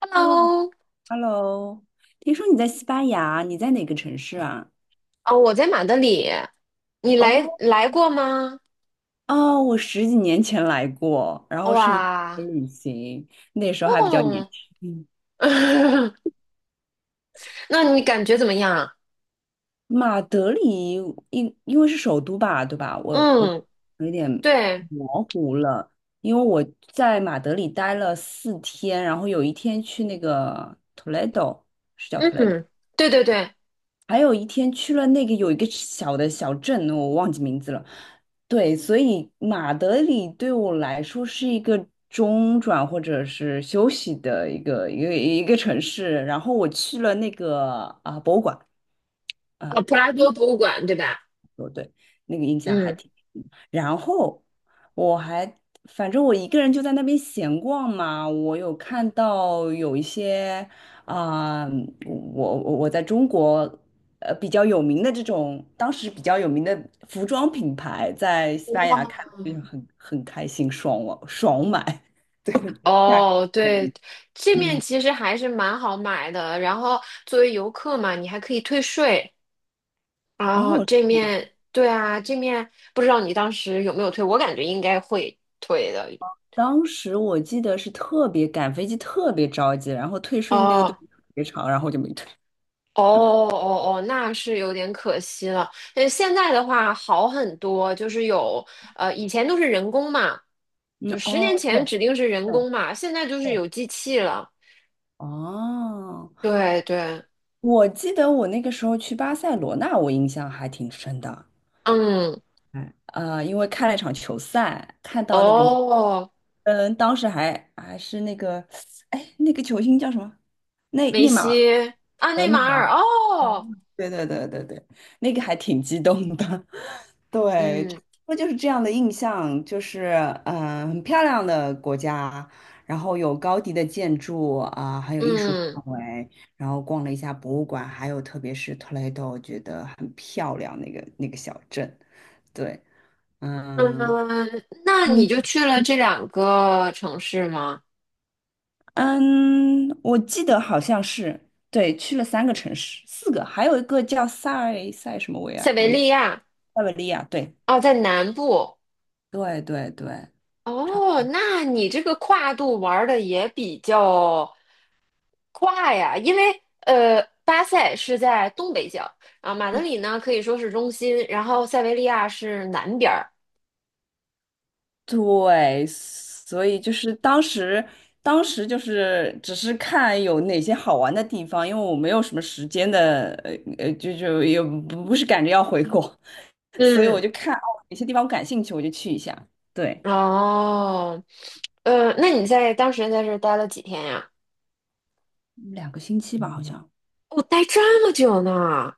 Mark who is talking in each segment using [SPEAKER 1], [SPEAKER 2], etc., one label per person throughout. [SPEAKER 1] Hello。
[SPEAKER 2] Hello，Hello，听说你在西班牙，你在哪个城市啊？
[SPEAKER 1] 哦，我在马德里，你来
[SPEAKER 2] 哦
[SPEAKER 1] 来过吗？
[SPEAKER 2] 哦，我十几年前来过，然后是一个
[SPEAKER 1] 哇。
[SPEAKER 2] 旅行，那时候还比较年
[SPEAKER 1] 哦。
[SPEAKER 2] 轻。
[SPEAKER 1] 那你感觉怎么样？
[SPEAKER 2] 马德里因为是首都吧，对吧？我
[SPEAKER 1] 嗯。
[SPEAKER 2] 有点
[SPEAKER 1] 对。
[SPEAKER 2] 模糊了，因为我在马德里待了四天，然后有一天去那个 Toledo，是叫 Toledo。
[SPEAKER 1] 嗯。对对对。
[SPEAKER 2] 还有一天去了那个有一个小的小镇，我忘记名字了。对，所以马德里对我来说是一个中转或者是休息的一个城市。然后我去了那个博物馆。
[SPEAKER 1] 哦，
[SPEAKER 2] 啊。
[SPEAKER 1] 普拉多博物馆，对吧？
[SPEAKER 2] 说对，那个印象还
[SPEAKER 1] 嗯。
[SPEAKER 2] 挺深。然后我还反正我一个人就在那边闲逛嘛，我有看到有一些啊、我在中国比较有名的这种，当时比较有名的服装品牌，在西班牙
[SPEAKER 1] 哇。
[SPEAKER 2] 看就很开心，爽我爽买。价格
[SPEAKER 1] 哦，对，这面
[SPEAKER 2] 嗯，
[SPEAKER 1] 其实还是蛮好买的，然后作为游客嘛，你还可以退税。啊，
[SPEAKER 2] 哦，
[SPEAKER 1] 这面，对啊，这面不知道你当时有没有退，我感觉应该会退的。
[SPEAKER 2] 当时我记得是特别赶飞机，特别着急，然后退税那个队
[SPEAKER 1] 哦。
[SPEAKER 2] 特别长，然后就没退。
[SPEAKER 1] 哦哦哦，那是有点可惜了。但是现在的话好很多，就是有以前都是人工嘛，
[SPEAKER 2] 嗯，
[SPEAKER 1] 就十年
[SPEAKER 2] 哦，对，
[SPEAKER 1] 前指定是人
[SPEAKER 2] 对
[SPEAKER 1] 工嘛，现在就是
[SPEAKER 2] 对
[SPEAKER 1] 有机器了。
[SPEAKER 2] 哦，
[SPEAKER 1] 对对。
[SPEAKER 2] 我记得我那个时候去巴塞罗那，我印象还挺深的。
[SPEAKER 1] 嗯。
[SPEAKER 2] 哎，因为看了一场球赛，看到那个，
[SPEAKER 1] 哦，
[SPEAKER 2] 嗯，当时还是那个，哎，那个球星叫什么？内
[SPEAKER 1] 梅
[SPEAKER 2] 内马尔
[SPEAKER 1] 西，啊，
[SPEAKER 2] 和
[SPEAKER 1] 内
[SPEAKER 2] 内
[SPEAKER 1] 马
[SPEAKER 2] 马
[SPEAKER 1] 尔，
[SPEAKER 2] 尔。
[SPEAKER 1] 哦。
[SPEAKER 2] 对对对对对，那个还挺激动的。对，差
[SPEAKER 1] 嗯
[SPEAKER 2] 不多就是这样的印象，就是嗯、很漂亮的国家，然后有高迪的建筑啊、还有艺术
[SPEAKER 1] 嗯
[SPEAKER 2] 氛围，然后逛了一下博物馆，还有特别是 Toledo,我觉得很漂亮那个小镇。对，嗯，
[SPEAKER 1] 嗯。那你
[SPEAKER 2] 嗯。
[SPEAKER 1] 就去了这两个城市吗？
[SPEAKER 2] 嗯，我记得好像是，对，去了三个城市，四个，还有一个叫塞塞什么维
[SPEAKER 1] 塞
[SPEAKER 2] 埃
[SPEAKER 1] 维
[SPEAKER 2] 维
[SPEAKER 1] 利亚。
[SPEAKER 2] 塞维利亚，对，
[SPEAKER 1] 哦，在南部。
[SPEAKER 2] 对对对，差不
[SPEAKER 1] 哦，那你这个跨度玩的也比较跨呀，因为巴塞是在东北角，啊，马德里呢可以说是中心，然后塞维利亚是南边儿。
[SPEAKER 2] 多，对，所以就是当时，当时就是只是看有哪些好玩的地方，因为我没有什么时间的，就也不是赶着要回国，所以我
[SPEAKER 1] 嗯。
[SPEAKER 2] 就看哪些地方我感兴趣，我就去一下，对，
[SPEAKER 1] 哦。那你在当时在这儿待了几天呀？
[SPEAKER 2] 两个星期吧，好像。
[SPEAKER 1] 我待这么久呢。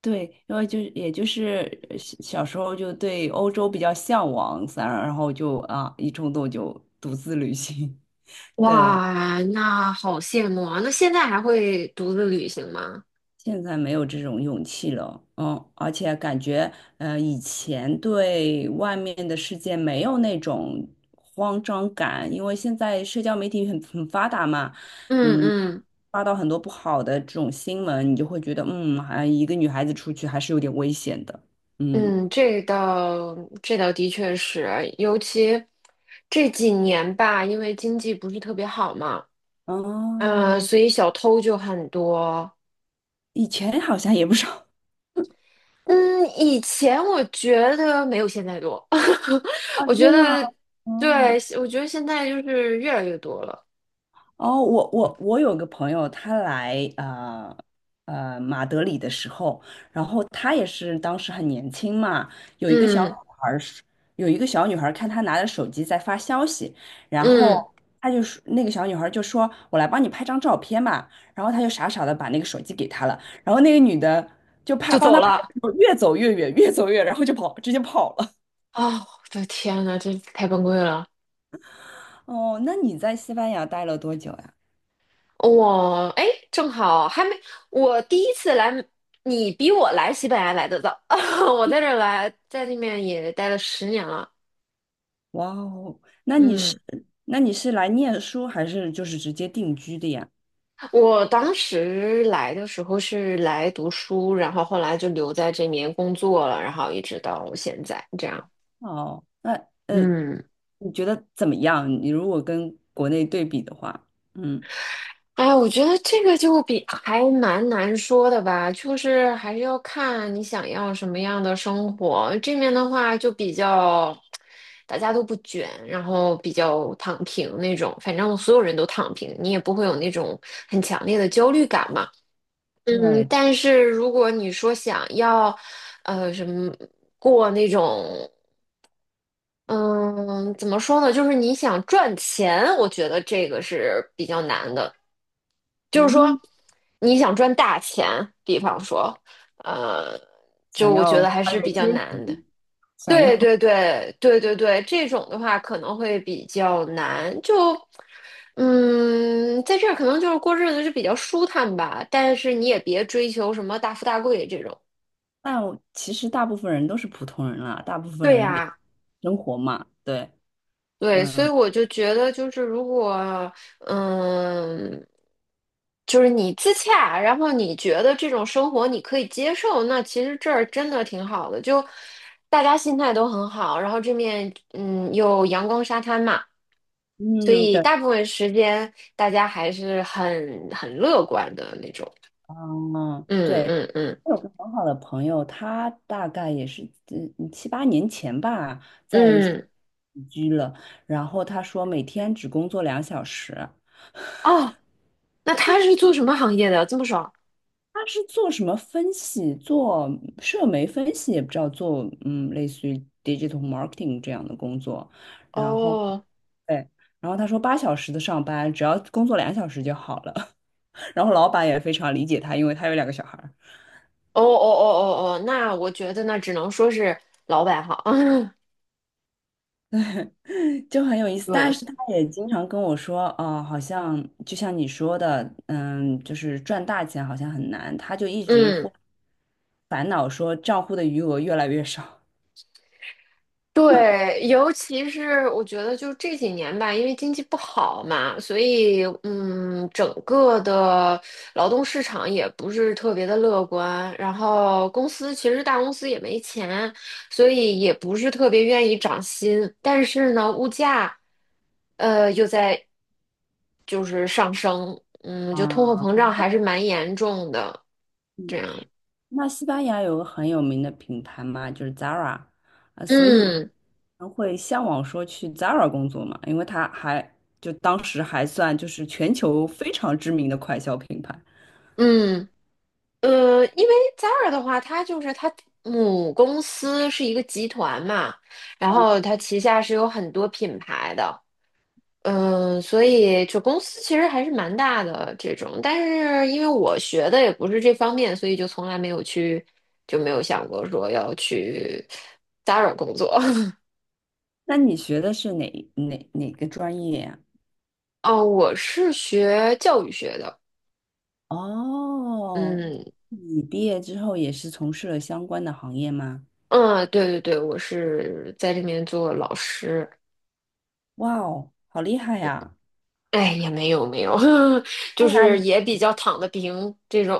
[SPEAKER 2] 对，因为就是也就是小时候就对欧洲比较向往，然后就一冲动就独自旅行。对，
[SPEAKER 1] 哇，那好羡慕啊！那现在还会独自旅行吗？
[SPEAKER 2] 现在没有这种勇气了，嗯，而且感觉以前对外面的世界没有那种慌张感，因为现在社交媒体很发达嘛，
[SPEAKER 1] 嗯
[SPEAKER 2] 嗯。
[SPEAKER 1] 嗯
[SPEAKER 2] 发到很多不好的这种新闻，你就会觉得，嗯，好像一个女孩子出去还是有点危险的，嗯。
[SPEAKER 1] 嗯。这倒的确是，尤其这几年吧，因为经济不是特别好嘛，嗯，
[SPEAKER 2] 哦，
[SPEAKER 1] 所以小偷就很多。
[SPEAKER 2] 以前好像也不少。
[SPEAKER 1] 嗯，以前我觉得没有现在多，
[SPEAKER 2] 哦，
[SPEAKER 1] 我觉
[SPEAKER 2] 真的吗
[SPEAKER 1] 得对，
[SPEAKER 2] 嗯，
[SPEAKER 1] 我觉得现在就是越来越多了。
[SPEAKER 2] 哦，我有个朋友，他来马德里的时候，然后他也是当时很年轻嘛，有一个小女
[SPEAKER 1] 嗯
[SPEAKER 2] 孩儿是，有一个小女孩儿看他拿着手机在发消息，然
[SPEAKER 1] 嗯。
[SPEAKER 2] 后他就说那个小女孩儿就说："我来帮你拍张照片吧，然后他就傻傻的把那个手机给她了，然后那个女的就拍
[SPEAKER 1] 就
[SPEAKER 2] 帮
[SPEAKER 1] 走
[SPEAKER 2] 他拍
[SPEAKER 1] 了。
[SPEAKER 2] 的时候，越走越远，越走越远，然后就跑，直接跑了。
[SPEAKER 1] 啊！我的天呐，这太崩溃了。
[SPEAKER 2] 哦，那你在西班牙待了多久呀？
[SPEAKER 1] 我哎，正好还没，我第一次来，你比我来西班牙来的早，我在这儿来，在那边也待了十年了。
[SPEAKER 2] 哇哦，那你是
[SPEAKER 1] 嗯，
[SPEAKER 2] 那你是来念书还是就是直接定居的呀？
[SPEAKER 1] 我当时来的时候是来读书，然后后来就留在这边工作了，然后一直到现在这样。
[SPEAKER 2] 哦，那呃，
[SPEAKER 1] 嗯，
[SPEAKER 2] 你觉得怎么样？你如果跟国内对比的话，嗯，
[SPEAKER 1] 哎呀我觉得这个就比还蛮难说的吧，就是还是要看你想要什么样的生活。这面的话就比较，大家都不卷，然后比较躺平那种，反正所有人都躺平，你也不会有那种强烈的焦虑感嘛。嗯，
[SPEAKER 2] 对，
[SPEAKER 1] 但是如果你说想要，呃，什么过那种。嗯，怎么说呢？就是你想赚钱，我觉得这个是比较难的。就是说，
[SPEAKER 2] 嗯，
[SPEAKER 1] 你想赚大钱，比方说，呃，就
[SPEAKER 2] 想
[SPEAKER 1] 我觉
[SPEAKER 2] 要
[SPEAKER 1] 得还
[SPEAKER 2] 跨
[SPEAKER 1] 是
[SPEAKER 2] 越
[SPEAKER 1] 比
[SPEAKER 2] 阶
[SPEAKER 1] 较难的。
[SPEAKER 2] 级，想
[SPEAKER 1] 对
[SPEAKER 2] 要，
[SPEAKER 1] 对对对对对，这种的话可能会比较难。就，嗯，在这儿可能就是过日子就比较舒坦吧，但是你也别追求什么大富大贵这种。
[SPEAKER 2] 但我其实大部分人都是普通人啦，大部分
[SPEAKER 1] 对
[SPEAKER 2] 人也
[SPEAKER 1] 呀、
[SPEAKER 2] 生活嘛，对，
[SPEAKER 1] 对，所以
[SPEAKER 2] 嗯
[SPEAKER 1] 我就觉得，就是如果，嗯，就是你自洽，然后你觉得这种生活你可以接受，那其实这儿真的挺好的，就大家心态都很好，然后这面嗯有阳光沙滩嘛，所
[SPEAKER 2] 嗯，
[SPEAKER 1] 以
[SPEAKER 2] 对。
[SPEAKER 1] 大部分时间大家还是很乐观的那种。
[SPEAKER 2] 嗯，
[SPEAKER 1] 嗯
[SPEAKER 2] 对，
[SPEAKER 1] 嗯嗯
[SPEAKER 2] 我有个很好的朋友，他大概也是七八年前吧，在
[SPEAKER 1] 嗯。
[SPEAKER 2] 移居了，然后他说每天只工作两小时。
[SPEAKER 1] 哦，那他是做什么行业的？这么爽。
[SPEAKER 2] 他是做什么分析，做社媒分析，也不知道做类似于 digital marketing 这样的工作，然后
[SPEAKER 1] 哦
[SPEAKER 2] 对，然后他说八小时的上班，只要工作两小时就好了，然后老板也非常理解他，因为他有两个小孩。
[SPEAKER 1] 哦哦哦哦哦，那我觉得那只能说是老板好。
[SPEAKER 2] 就很有意思，但
[SPEAKER 1] 对。
[SPEAKER 2] 是他也经常跟我说，哦，好像就像你说的，嗯，就是赚大钱好像很难，他就一直
[SPEAKER 1] 嗯。
[SPEAKER 2] 会烦恼说账户的余额越来越少。
[SPEAKER 1] 对，尤其是我觉得就这几年吧，因为经济不好嘛，所以嗯，整个的劳动市场也不是特别的乐观。然后公司其实大公司也没钱，所以也不是特别愿意涨薪。但是呢，物价又在上升，嗯，就通货
[SPEAKER 2] 啊，
[SPEAKER 1] 膨胀还是蛮严重的。
[SPEAKER 2] 嗯
[SPEAKER 1] 这样。
[SPEAKER 2] 那西班牙有个很有名的品牌嘛，就是 Zara,啊，所以
[SPEAKER 1] 嗯
[SPEAKER 2] 人会向往说去 Zara 工作嘛，因为他还就当时还算就是全球非常知名的快消品牌。
[SPEAKER 1] 嗯。因为 Zara 的话，它母公司是一个集团嘛，然后它旗下是有很多品牌的，嗯、所以就公司其实还是蛮大的这种。但是因为我学的也不是这方面，所以就从来没有去，就没有想过说要去 Zara 工作。
[SPEAKER 2] 那你学的是哪个专业呀？
[SPEAKER 1] 哦，我是学教育学的，
[SPEAKER 2] 哦，
[SPEAKER 1] 嗯
[SPEAKER 2] 你毕业之后也是从事了相关的行业吗？
[SPEAKER 1] 嗯，对对对，我是在这边做老师。
[SPEAKER 2] 哇哦，好厉害呀！
[SPEAKER 1] 哎，也没有，
[SPEAKER 2] 在
[SPEAKER 1] 就
[SPEAKER 2] 哪
[SPEAKER 1] 是
[SPEAKER 2] 里？
[SPEAKER 1] 也比较躺得平这种，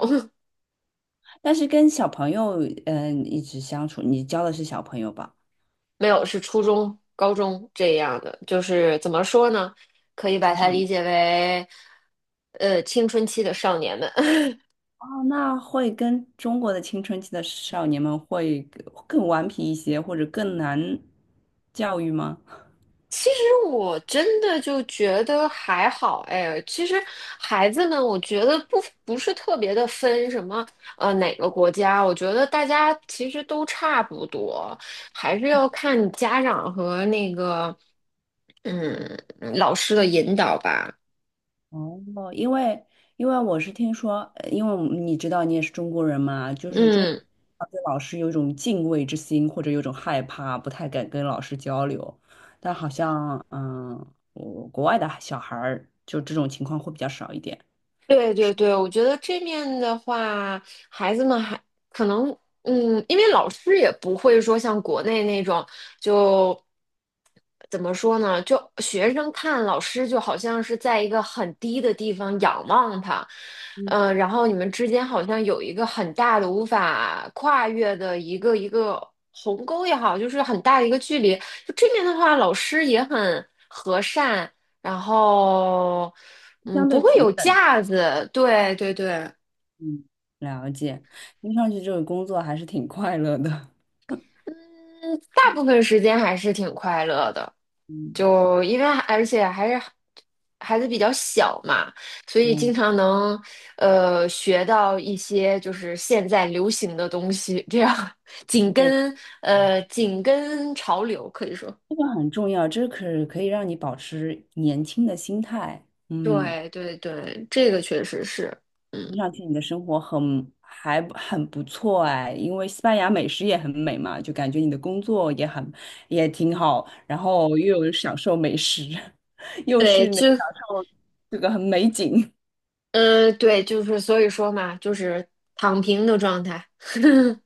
[SPEAKER 2] 但是跟小朋友，嗯、一直相处，你教的是小朋友吧？
[SPEAKER 1] 没有是初中、高中这样的，就是怎么说呢？可以把
[SPEAKER 2] 青
[SPEAKER 1] 它
[SPEAKER 2] 少年。
[SPEAKER 1] 理解为，呃，青春期的少年们。
[SPEAKER 2] 哦，那会跟中国的青春期的少年们会更顽皮一些，或者更难教育吗？
[SPEAKER 1] 其实我真的就觉得还好，哎，其实孩子们，我觉得不是特别的分什么，呃，哪个国家，我觉得大家其实都差不多，还是要看家长和那个。嗯，老师的引导吧。
[SPEAKER 2] 哦，因为因为我是听说，因为我们你知道你也是中国人嘛，就是中
[SPEAKER 1] 嗯，
[SPEAKER 2] 国对老师有一种敬畏之心，或者有一种害怕，不太敢跟老师交流。但好像，嗯，我国外的小孩儿就这种情况会比较少一点，
[SPEAKER 1] 对对对，我觉得这面的话，孩子们还可能，嗯，因为老师也不会说像国内那种，就怎么说呢？就学生看老师就好像是在一个很低的地方仰望他，嗯，然后你们之间好像有一个很大的无法跨越的一个鸿沟也好，就是很大的一个距离。就这面的话，老师也很和善。然后，嗯，
[SPEAKER 2] 相
[SPEAKER 1] 不
[SPEAKER 2] 对
[SPEAKER 1] 会有
[SPEAKER 2] 平等。
[SPEAKER 1] 架子，对对对，
[SPEAKER 2] 嗯，了解，听上去这个工作还是挺快乐的。
[SPEAKER 1] 嗯，大部分时间还是挺快乐的，
[SPEAKER 2] 嗯
[SPEAKER 1] 就因为而且还是孩子比较小嘛，所以经
[SPEAKER 2] 嗯，
[SPEAKER 1] 常能学到一些就是现在流行的东西，这样
[SPEAKER 2] 的
[SPEAKER 1] 紧
[SPEAKER 2] 确是，
[SPEAKER 1] 跟紧跟潮流，可以说，
[SPEAKER 2] 这个很重要，这可以让你保持年轻的心态。嗯。
[SPEAKER 1] 对对对，这个确实是，嗯。
[SPEAKER 2] 听上去你的生活很还不很不错哎，因为西班牙美食也很美嘛，就感觉你的工作也很也挺好，然后又有享受美食，又
[SPEAKER 1] 对，
[SPEAKER 2] 是能
[SPEAKER 1] 就
[SPEAKER 2] 享受这个很美景。
[SPEAKER 1] 嗯，对，就是所以说嘛，就是躺平的状态。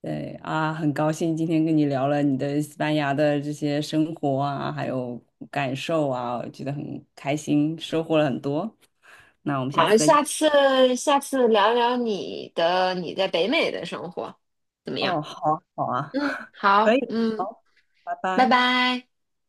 [SPEAKER 2] 对啊，很高兴今天跟你聊了你的西班牙的这些生活啊，还有感受啊，我觉得很开心，收获了很多。那我们下
[SPEAKER 1] 好，
[SPEAKER 2] 次再见。
[SPEAKER 1] 下次聊聊你在北美的生活怎么样？
[SPEAKER 2] 哦，好啊好啊，
[SPEAKER 1] 嗯，
[SPEAKER 2] 可
[SPEAKER 1] 好，
[SPEAKER 2] 以，
[SPEAKER 1] 嗯，
[SPEAKER 2] 拜
[SPEAKER 1] 拜
[SPEAKER 2] 拜。
[SPEAKER 1] 拜。